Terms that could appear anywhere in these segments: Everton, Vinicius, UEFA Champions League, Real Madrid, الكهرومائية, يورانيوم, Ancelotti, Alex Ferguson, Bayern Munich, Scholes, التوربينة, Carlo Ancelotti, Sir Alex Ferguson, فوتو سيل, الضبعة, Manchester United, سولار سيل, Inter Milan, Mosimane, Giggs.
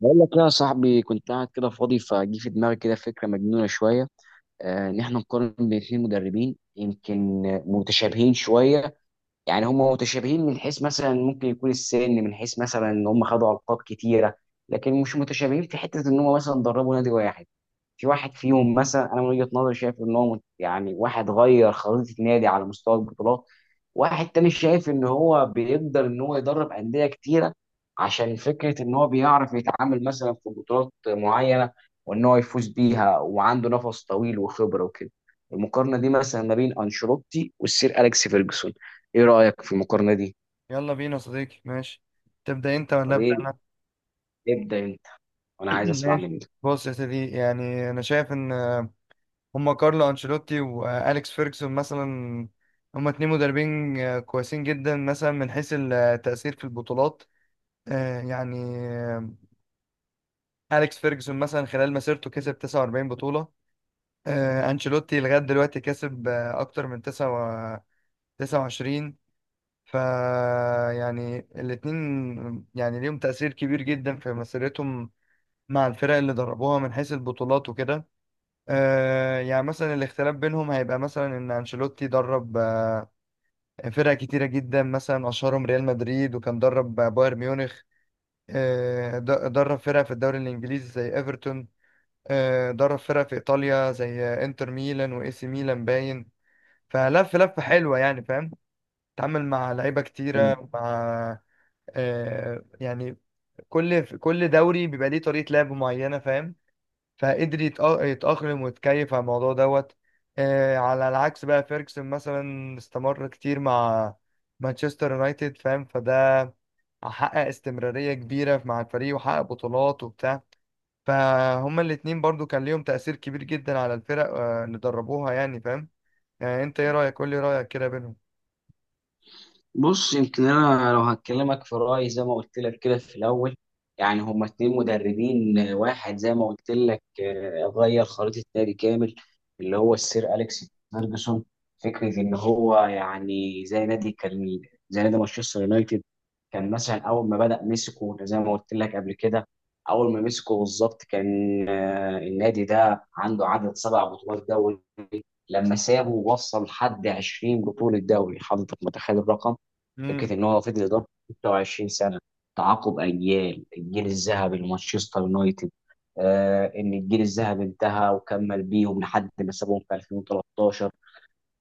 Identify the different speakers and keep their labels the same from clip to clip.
Speaker 1: بقول لك إيه يا صاحبي؟ كنت قاعد كده فاضي فجي في دماغي كده فكره مجنونه شويه. ان احنا نقارن بين اثنين مدربين يمكن متشابهين شويه. يعني هم متشابهين من حيث مثلا ممكن يكون السن، من حيث مثلا ان هم خدوا القاب كتيره، لكن مش متشابهين في حته ان هم مثلا دربوا نادي واحد. في واحد فيهم مثلا، انا من وجهة نظري شايف ان هو يعني واحد غير خريطة نادي على مستوى البطولات، واحد تاني شايف ان هو بيقدر ان هو يدرب أندية كتيرة، عشان فكرة ان هو بيعرف يتعامل مثلا في بطولات معينة وان هو يفوز بيها وعنده نفس طويل وخبرة وكده. المقارنة دي مثلا ما بين أنشيلوتي والسير أليكس فيرجسون، ايه رأيك في المقارنة دي؟
Speaker 2: يلا بينا يا صديقي. ماشي، تبدأ انت ولا
Speaker 1: طب
Speaker 2: ابدأ
Speaker 1: ايه،
Speaker 2: انا؟
Speaker 1: ابدأ انت، وانا عايز اسمع
Speaker 2: ماشي.
Speaker 1: منك.
Speaker 2: بص يا سيدي، يعني انا شايف ان هما كارلو انشيلوتي واليكس فيرجسون مثلا هما اتنين مدربين كويسين جدا، مثلا من حيث التأثير في البطولات. آه، يعني اليكس فيرجسون مثلا خلال مسيرته كسب 49 بطولة. انشيلوتي لغاية دلوقتي كسب اكتر من 29. ف يعني الاتنين يعني ليهم تأثير كبير جدا في مسيرتهم مع الفرق اللي دربوها من حيث البطولات وكده. يعني مثلا الاختلاف بينهم هيبقى مثلا ان انشيلوتي درب فرق كتيره جدا، مثلا اشهرهم ريال مدريد، وكان درب بايرن ميونخ. درب فرق في الدوري الانجليزي زي ايفرتون. درب فرق في ايطاليا زي انتر ميلان واي سي ميلان. باين فلف لفه حلوه يعني، فاهم؟ اتعامل مع لعيبه كتيره مع آه يعني كل دوري بيبقى ليه طريقه لعب معينه، فاهم؟ يتأقلم ويتكيف على الموضوع دوت. على العكس بقى فيرجسون مثلا استمر كتير مع مانشستر يونايتد، فاهم؟ فده حقق استمرارية كبيرة مع الفريق وحقق بطولات وبتاع. فهما الاتنين برضو كان ليهم تأثير كبير جدا على الفرق اللي دربوها يعني، فاهم؟ يعني انت ايه رأيك؟ قول لي رأيك كده بينهم.
Speaker 1: بص، يمكن انا لو هكلمك في رايي زي ما قلت لك كده في الاول، يعني هما اتنين مدربين، واحد زي ما قلت لك غير خريطه نادي كامل، اللي هو السير اليكس فيرجسون. فكره ان هو يعني زي نادي كان، زي نادي مانشستر يونايتد، كان مثلا اول ما بدا مسكه زي ما قلت لك قبل كده. اول ما مسكه بالظبط كان النادي ده عنده عدد سبع بطولات دوري، لما سابه وصل لحد 20 بطوله دوري. حضرتك متخيل الرقم؟
Speaker 2: امم،
Speaker 1: فكره ان هو فضل يدرب 26 سنه، تعاقب اجيال الجيل الذهبي لمانشستر يونايتد. ان الجيل الذهبي انتهى وكمل بيهم لحد ما سابهم في 2013.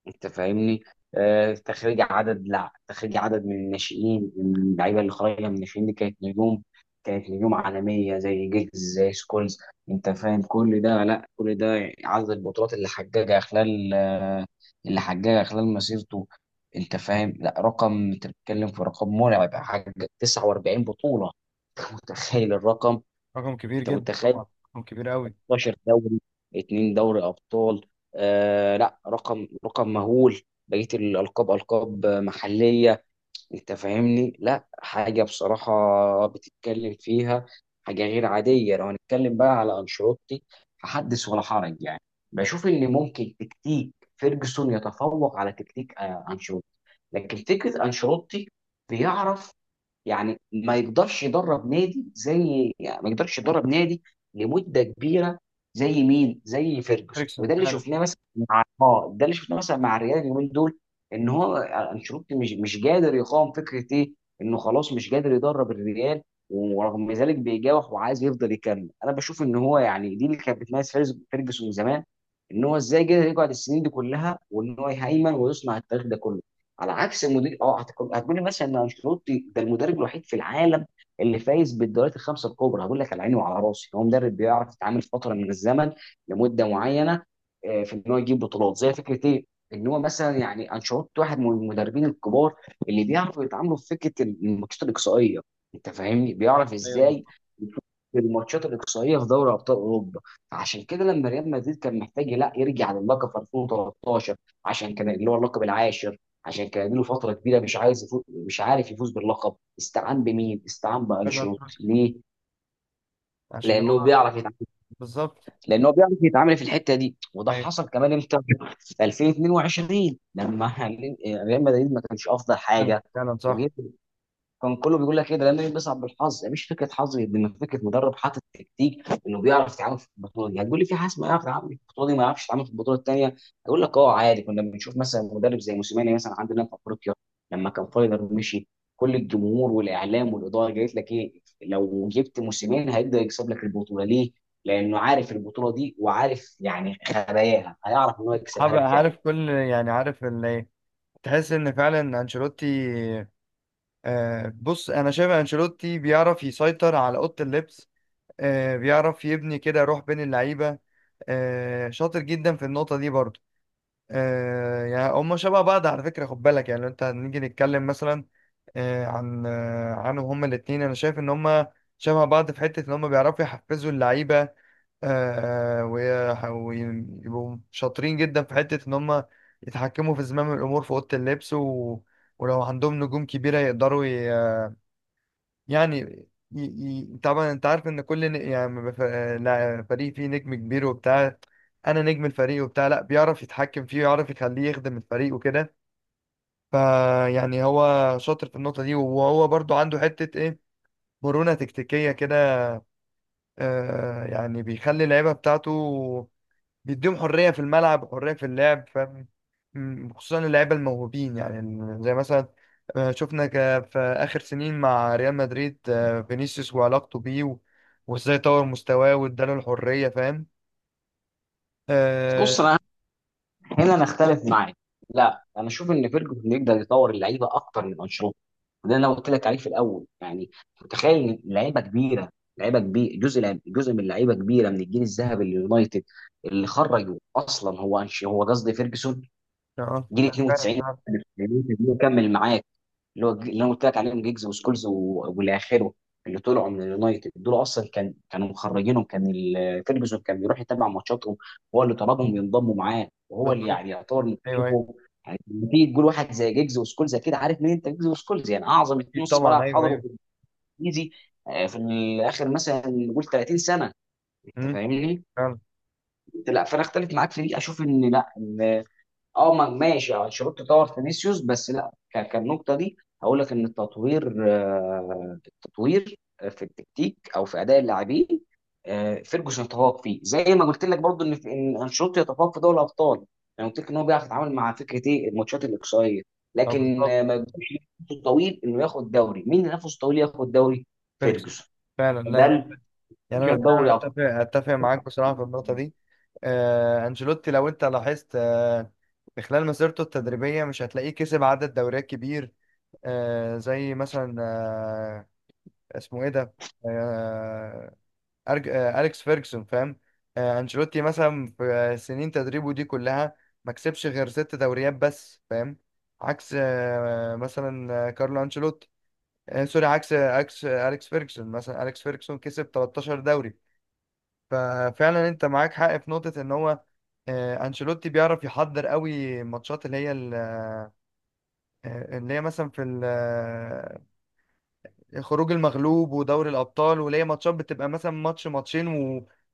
Speaker 1: انت فاهمني؟ تخريج عدد، لا، تخريج عدد من الناشئين، من اللعيبه اللي خارجه من الناشئين دي كانت نجوم، كانت نجوم عالميه زي جيجز، زي سكولز. انت فاهم كل ده؟ لا، كل ده عدد البطولات اللي حققها خلال اللي حققها خلال مسيرته. انت فاهم؟ لا، رقم، انت بتتكلم في رقم مرعب، حقق 49 بطوله. انت متخيل الرقم؟
Speaker 2: رقم كبير
Speaker 1: انت
Speaker 2: جدا
Speaker 1: متخيل،
Speaker 2: طبعا، رقم كبير قوي.
Speaker 1: 16 دوري، اتنين دوري ابطال. لا رقم مهول. بقيه الالقاب القاب محليه. انت فاهمني؟ لا حاجه بصراحه بتتكلم فيها، حاجه غير عاديه. لو هنتكلم بقى على انشيلوتي فحدث ولا حرج يعني. بشوف ان ممكن تكتيك فيرجسون يتفوق على تكتيك انشيلوتي، لكن فكره انشيلوتي بيعرف يعني، ما يقدرش يدرب نادي زي، يعني ما يقدرش يدرب نادي لمده كبيره زي مين؟ زي فيرجسون.
Speaker 2: فيرجسون
Speaker 1: وده اللي
Speaker 2: فعلا.
Speaker 1: شفناه مثلا مع اه ده اللي شفناه مثلا مع الريال اليومين دول، ان هو انشيلوتي مش قادر يقاوم فكره ايه؟ انه خلاص مش قادر يدرب الريال، ورغم ذلك بيجاوح وعايز يفضل يكمل. انا بشوف ان هو يعني دي اللي كانت بتميز فيرجسون زمان، ان هو ازاي قدر يقعد السنين دي كلها وان هو يهيمن ويصنع التاريخ ده كله، على عكس المدير. اه هتقول لي مثلا ان انشيلوتي ده المدرب الوحيد في العالم اللي فايز بالدوريات الخمسه الكبرى، هقول لك على عيني وعلى راسي، هو مدرب بيعرف يتعامل فتره من الزمن لمده معينه، في ان هو يجيب بطولات زي فكره ايه؟ ان هو مثلا، يعني انشيلوتي واحد من المدربين الكبار اللي بيعرفوا يتعاملوا في فكره الماتشات الاقصائيه. انت فاهمني؟
Speaker 2: ايوه،
Speaker 1: بيعرف
Speaker 2: أيوة،
Speaker 1: ازاي
Speaker 2: بالظبط.
Speaker 1: يشوف الماتشات الاقصائيه في دوري ابطال اوروبا. عشان كده لما ريال مدريد كان محتاج لا يرجع للقب في 2013، عشان كان اللي هو اللقب العاشر، عشان كان له فتره كبيره مش عايز يفوز، مش عارف يفوز باللقب، استعان بمين؟ استعان
Speaker 2: فعلا
Speaker 1: بانشيلوتي.
Speaker 2: صح.
Speaker 1: ليه؟
Speaker 2: عشان
Speaker 1: لانه
Speaker 2: هو
Speaker 1: بيعرف يتعامل،
Speaker 2: بالظبط.
Speaker 1: لانه بيعرف يتعامل في الحته دي. وده
Speaker 2: ايوه.
Speaker 1: حصل كمان امتى؟ في 2022 لما ريال مدريد ما كانش افضل
Speaker 2: فعلا
Speaker 1: حاجه
Speaker 2: فعلا صح.
Speaker 1: وجه، كان كله بيقول لك ايه ده، لما بيصعب بالحظ، يعني مش فكره حظ، لما فكره مدرب حاطط تكتيك انه بيعرف يتعامل في البطوله دي. هتقول لي في حاسس ما يعرف يتعامل في البطوله دي، ما يعرفش يتعامل في البطوله الثانيه، هقول لك عادي. كنا بنشوف مثلا مدرب زي موسيماني مثلا عندنا في افريقيا، لما كان فايلر مشي، كل الجمهور والاعلام والاداره قالت لك ايه؟ لو جبت موسيماني هيقدر يكسب لك البطوله. ليه؟ لانه عارف البطوله دي، وعارف يعني خباياها، هيعرف ان هو يكسبها لك
Speaker 2: عارف،
Speaker 1: فعلا.
Speaker 2: كل يعني عارف اللي إيه. تحس ان فعلا انشيلوتي بص، انا شايف انشيلوتي بيعرف يسيطر على اوضه اللبس. بيعرف يبني كده روح بين اللعيبه. شاطر جدا في النقطه دي برضو. هما شبه بعض على فكره، خد بالك. يعني لو انت هنيجي نتكلم مثلا آه، عن آه، عنهم هما الاثنين، انا شايف ان هما شبه بعض في حته ان هما بيعرفوا يحفزوا اللعيبه. ويبقوا شاطرين جدا في حتة إن هم يتحكموا في زمام الأمور في أوضة اللبس و... ولو عندهم نجوم كبيرة يقدروا ي... يعني ي... ي... طبعا أنت عارف إن كل ن... يعني ما بف... لا، فريق فيه نجم كبير وبتاع، أنا نجم الفريق وبتاع، لا بيعرف يتحكم فيه ويعرف يخليه يخدم الفريق وكده. فيعني هو شاطر في النقطة دي، وهو برضو عنده حتة إيه، مرونة تكتيكية كده. يعني بيخلي اللعيبة بتاعته بيديهم حرية في الملعب وحرية في اللعب، فاهم؟ خصوصا اللعيبة الموهوبين، يعني زي مثلا شفنا في آخر سنين مع ريال مدريد فينيسيوس وعلاقته بيه و- وازاي طور مستواه واداله الحرية، فاهم؟ اه.
Speaker 1: بص انا هنا انا اختلف معاك، لا انا اشوف ان فيرجن يقدر يطور اللعيبه اكتر من انشيلوتي، وده اللي انا قلت لك عليه في الاول. يعني متخيل إن لعيبه كبيره، لعيبه كبير، جزء جزء من لعيبه كبيره من الجيل الذهبي لليونايتد، اللي خرجوا اصلا هو هو قصدي فيرجسون،
Speaker 2: آه،
Speaker 1: جيل
Speaker 2: فعلا
Speaker 1: 92،
Speaker 2: فعلا
Speaker 1: كمل معاك، اللي هو اللي انا قلت لك عليهم جيجز وسكولز و- والى اخره. اللي طلعوا من اليونايتد دول اصلا كانوا مخرجينهم، كان فيرجسون كان بيروح يتابع ماتشاتهم، هو اللي طلبهم ينضموا معاه وهو اللي
Speaker 2: بالظبط.
Speaker 1: يعني يعتبر
Speaker 2: ايوه ايوه
Speaker 1: مكتشفهم. يعني لما تيجي تقول واحد زي جيجز وسكولز كده، عارف مين انت؟ جيجز وسكولز يعني اعظم اتنين
Speaker 2: اكيد
Speaker 1: نص
Speaker 2: طبعا.
Speaker 1: ملعب
Speaker 2: ايوه
Speaker 1: حضروا
Speaker 2: ايوه.
Speaker 1: في الانجليزي، في الاخر مثلا نقول 30 سنه. انت
Speaker 2: مم،
Speaker 1: فاهمني؟
Speaker 2: فعلا.
Speaker 1: لا، فانا اختلف معاك في دي، اشوف ان لا. اه ماشي، انشيلوتي طور فينيسيوس، بس لا، كالنقطه دي هقول لك ان التطوير، التطوير في التكتيك او في اداء اللاعبين، فيرجسون يتفوق فيه، زي ما قلت لك برضو ان انشيلوتي يتفوق في دوري الابطال. انا قلت لك ان هو بيعرف يتعامل مع فكره ايه؟ الماتشات الاقصائيه، لكن
Speaker 2: بالظبط.
Speaker 1: ما يقدرش ينافسه طويل انه ياخد دوري. مين اللي نفسه طويل ياخد دوري؟
Speaker 2: فيرجسون
Speaker 1: فيرجسون.
Speaker 2: فعلا.
Speaker 1: ده
Speaker 2: لا،
Speaker 1: اللي
Speaker 2: يعني انا
Speaker 1: بيشرب
Speaker 2: فعلا
Speaker 1: دوري ابطال.
Speaker 2: اتفق معاك بصراحه في النقطه دي. انشيلوتي، لو انت لاحظت، في خلال مسيرته التدريبيه مش هتلاقيه كسب عدد دوريات كبير زي مثلا اسمه ايه ده؟ آه أرج... آه اليكس فيرجسون، فاهم؟ انشيلوتي مثلا في سنين تدريبه دي كلها ما كسبش غير ست دوريات بس، فاهم؟ عكس آه مثلا آه، كارلو انشيلوتي آه سوري عكس عكس اليكس فيرجسون مثلا. اليكس فيرجسون كسب 13 دوري. ففعلا انت معاك حق في نقطة ان هو انشيلوتي بيعرف يحضر قوي الماتشات اللي هي مثلا في خروج المغلوب ودوري الابطال، واللي هي ماتشات بتبقى مثلا ماتش ماتشين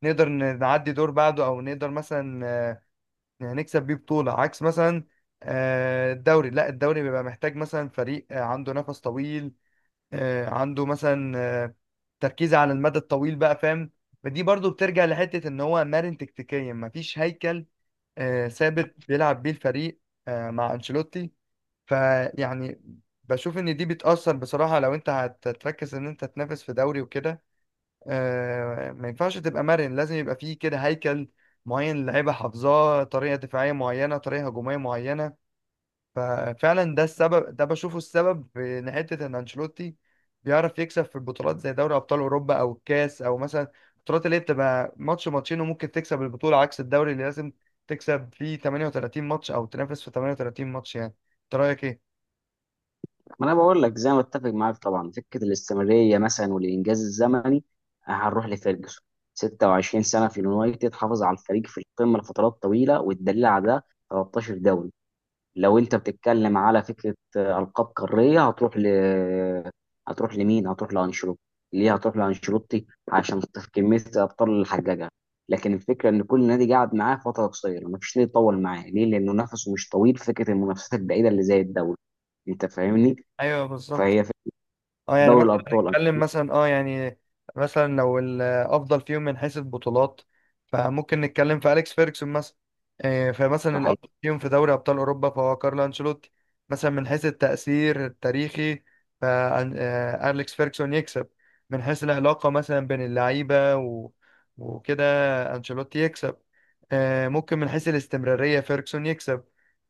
Speaker 2: ونقدر نعدي دور بعده، او نقدر مثلا يعني نكسب بيه بطولة عكس مثلا الدوري. لا، الدوري بيبقى محتاج مثلا فريق عنده نفس طويل، عنده مثلا تركيز على المدى الطويل بقى، فاهم؟ فدي برضو بترجع لحتة ان هو مرن تكتيكيا، مفيش هيكل ثابت بيلعب بيه الفريق مع انشيلوتي. فيعني بشوف ان دي بتأثر بصراحة. لو انت هتركز ان انت تنافس في دوري وكده، ما ينفعش تبقى مرن، لازم يبقى فيه كده هيكل معين اللعيبة حافظاه، طريقة دفاعية معينة طريقة هجومية معينة. ففعلا ده السبب، ده بشوفه السبب في ان حته ان انشيلوتي بيعرف يكسب في البطولات زي دوري ابطال اوروبا او الكاس، او مثلا البطولات اللي هي بتبقى ماتش ماتشين وممكن تكسب البطوله، عكس الدوري اللي لازم تكسب فيه 38 ماتش او تنافس في 38 ماتش يعني. انت رايك ايه؟
Speaker 1: ما انا بقول لك، زي ما اتفق معاك طبعا، فكره الاستمراريه مثلا والانجاز الزمني هنروح لفيرجسون، 26 سنه في اليونايتد حافظ على الفريق في القمه لفترات طويله، والدليل على ده 13 دوري. لو انت بتتكلم على فكره القاب قاريه هتروح ل، هتروح لمين؟ هتروح لانشيلوتي. ليه هتروح لانشيلوتي؟ عشان كميه الابطال اللي حققها. لكن الفكره ان كل نادي قاعد معاه فتره قصيره، مفيش نادي طول معاه. ليه؟ لانه نفسه مش طويل في فكره المنافسات البعيده اللي زي الدوري. انت فاهمني؟
Speaker 2: ايوه بالظبط.
Speaker 1: فهي في
Speaker 2: اه يعني
Speaker 1: دوري
Speaker 2: مثلا
Speaker 1: الابطال انا.
Speaker 2: نتكلم مثلا اه يعني مثلا لو الافضل فيهم من حيث البطولات فممكن نتكلم في اليكس فيرجسون مثلا. فمثلا
Speaker 1: صحيح،
Speaker 2: الافضل فيهم في دوري ابطال اوروبا فهو كارلو انشيلوتي. مثلا من حيث التاثير التاريخي فاليكس فيرجسون يكسب. من حيث العلاقه مثلا بين اللعيبه و... وكده انشيلوتي يكسب. ممكن من حيث الاستمراريه فيرجسون يكسب.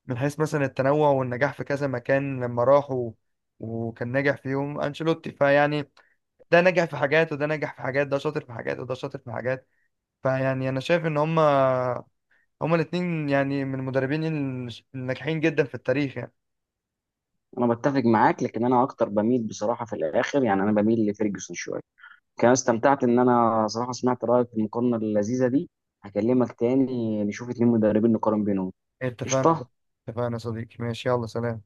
Speaker 2: من حيث مثلا التنوع والنجاح في كذا مكان لما راحوا وكان ناجح فيهم انشيلوتي. فيعني ده نجح في حاجات وده نجح في حاجات، ده شاطر في حاجات وده شاطر في حاجات. فيعني انا شايف ان هما الاتنين يعني من المدربين الناجحين جدا في التاريخ يعني.
Speaker 1: انا بتفق معاك، لكن انا اكتر بميل بصراحه في الاخر، يعني انا بميل لفيرجسون شويه. كان استمتعت ان انا صراحه سمعت رايك في المقارنه اللذيذه دي. هكلمك تاني نشوف اتنين مدربين نقارن بينهم.
Speaker 2: اتفقنا.
Speaker 1: قشطه.
Speaker 2: اتفقنا يا صديقي، ماشي، يلا سلام.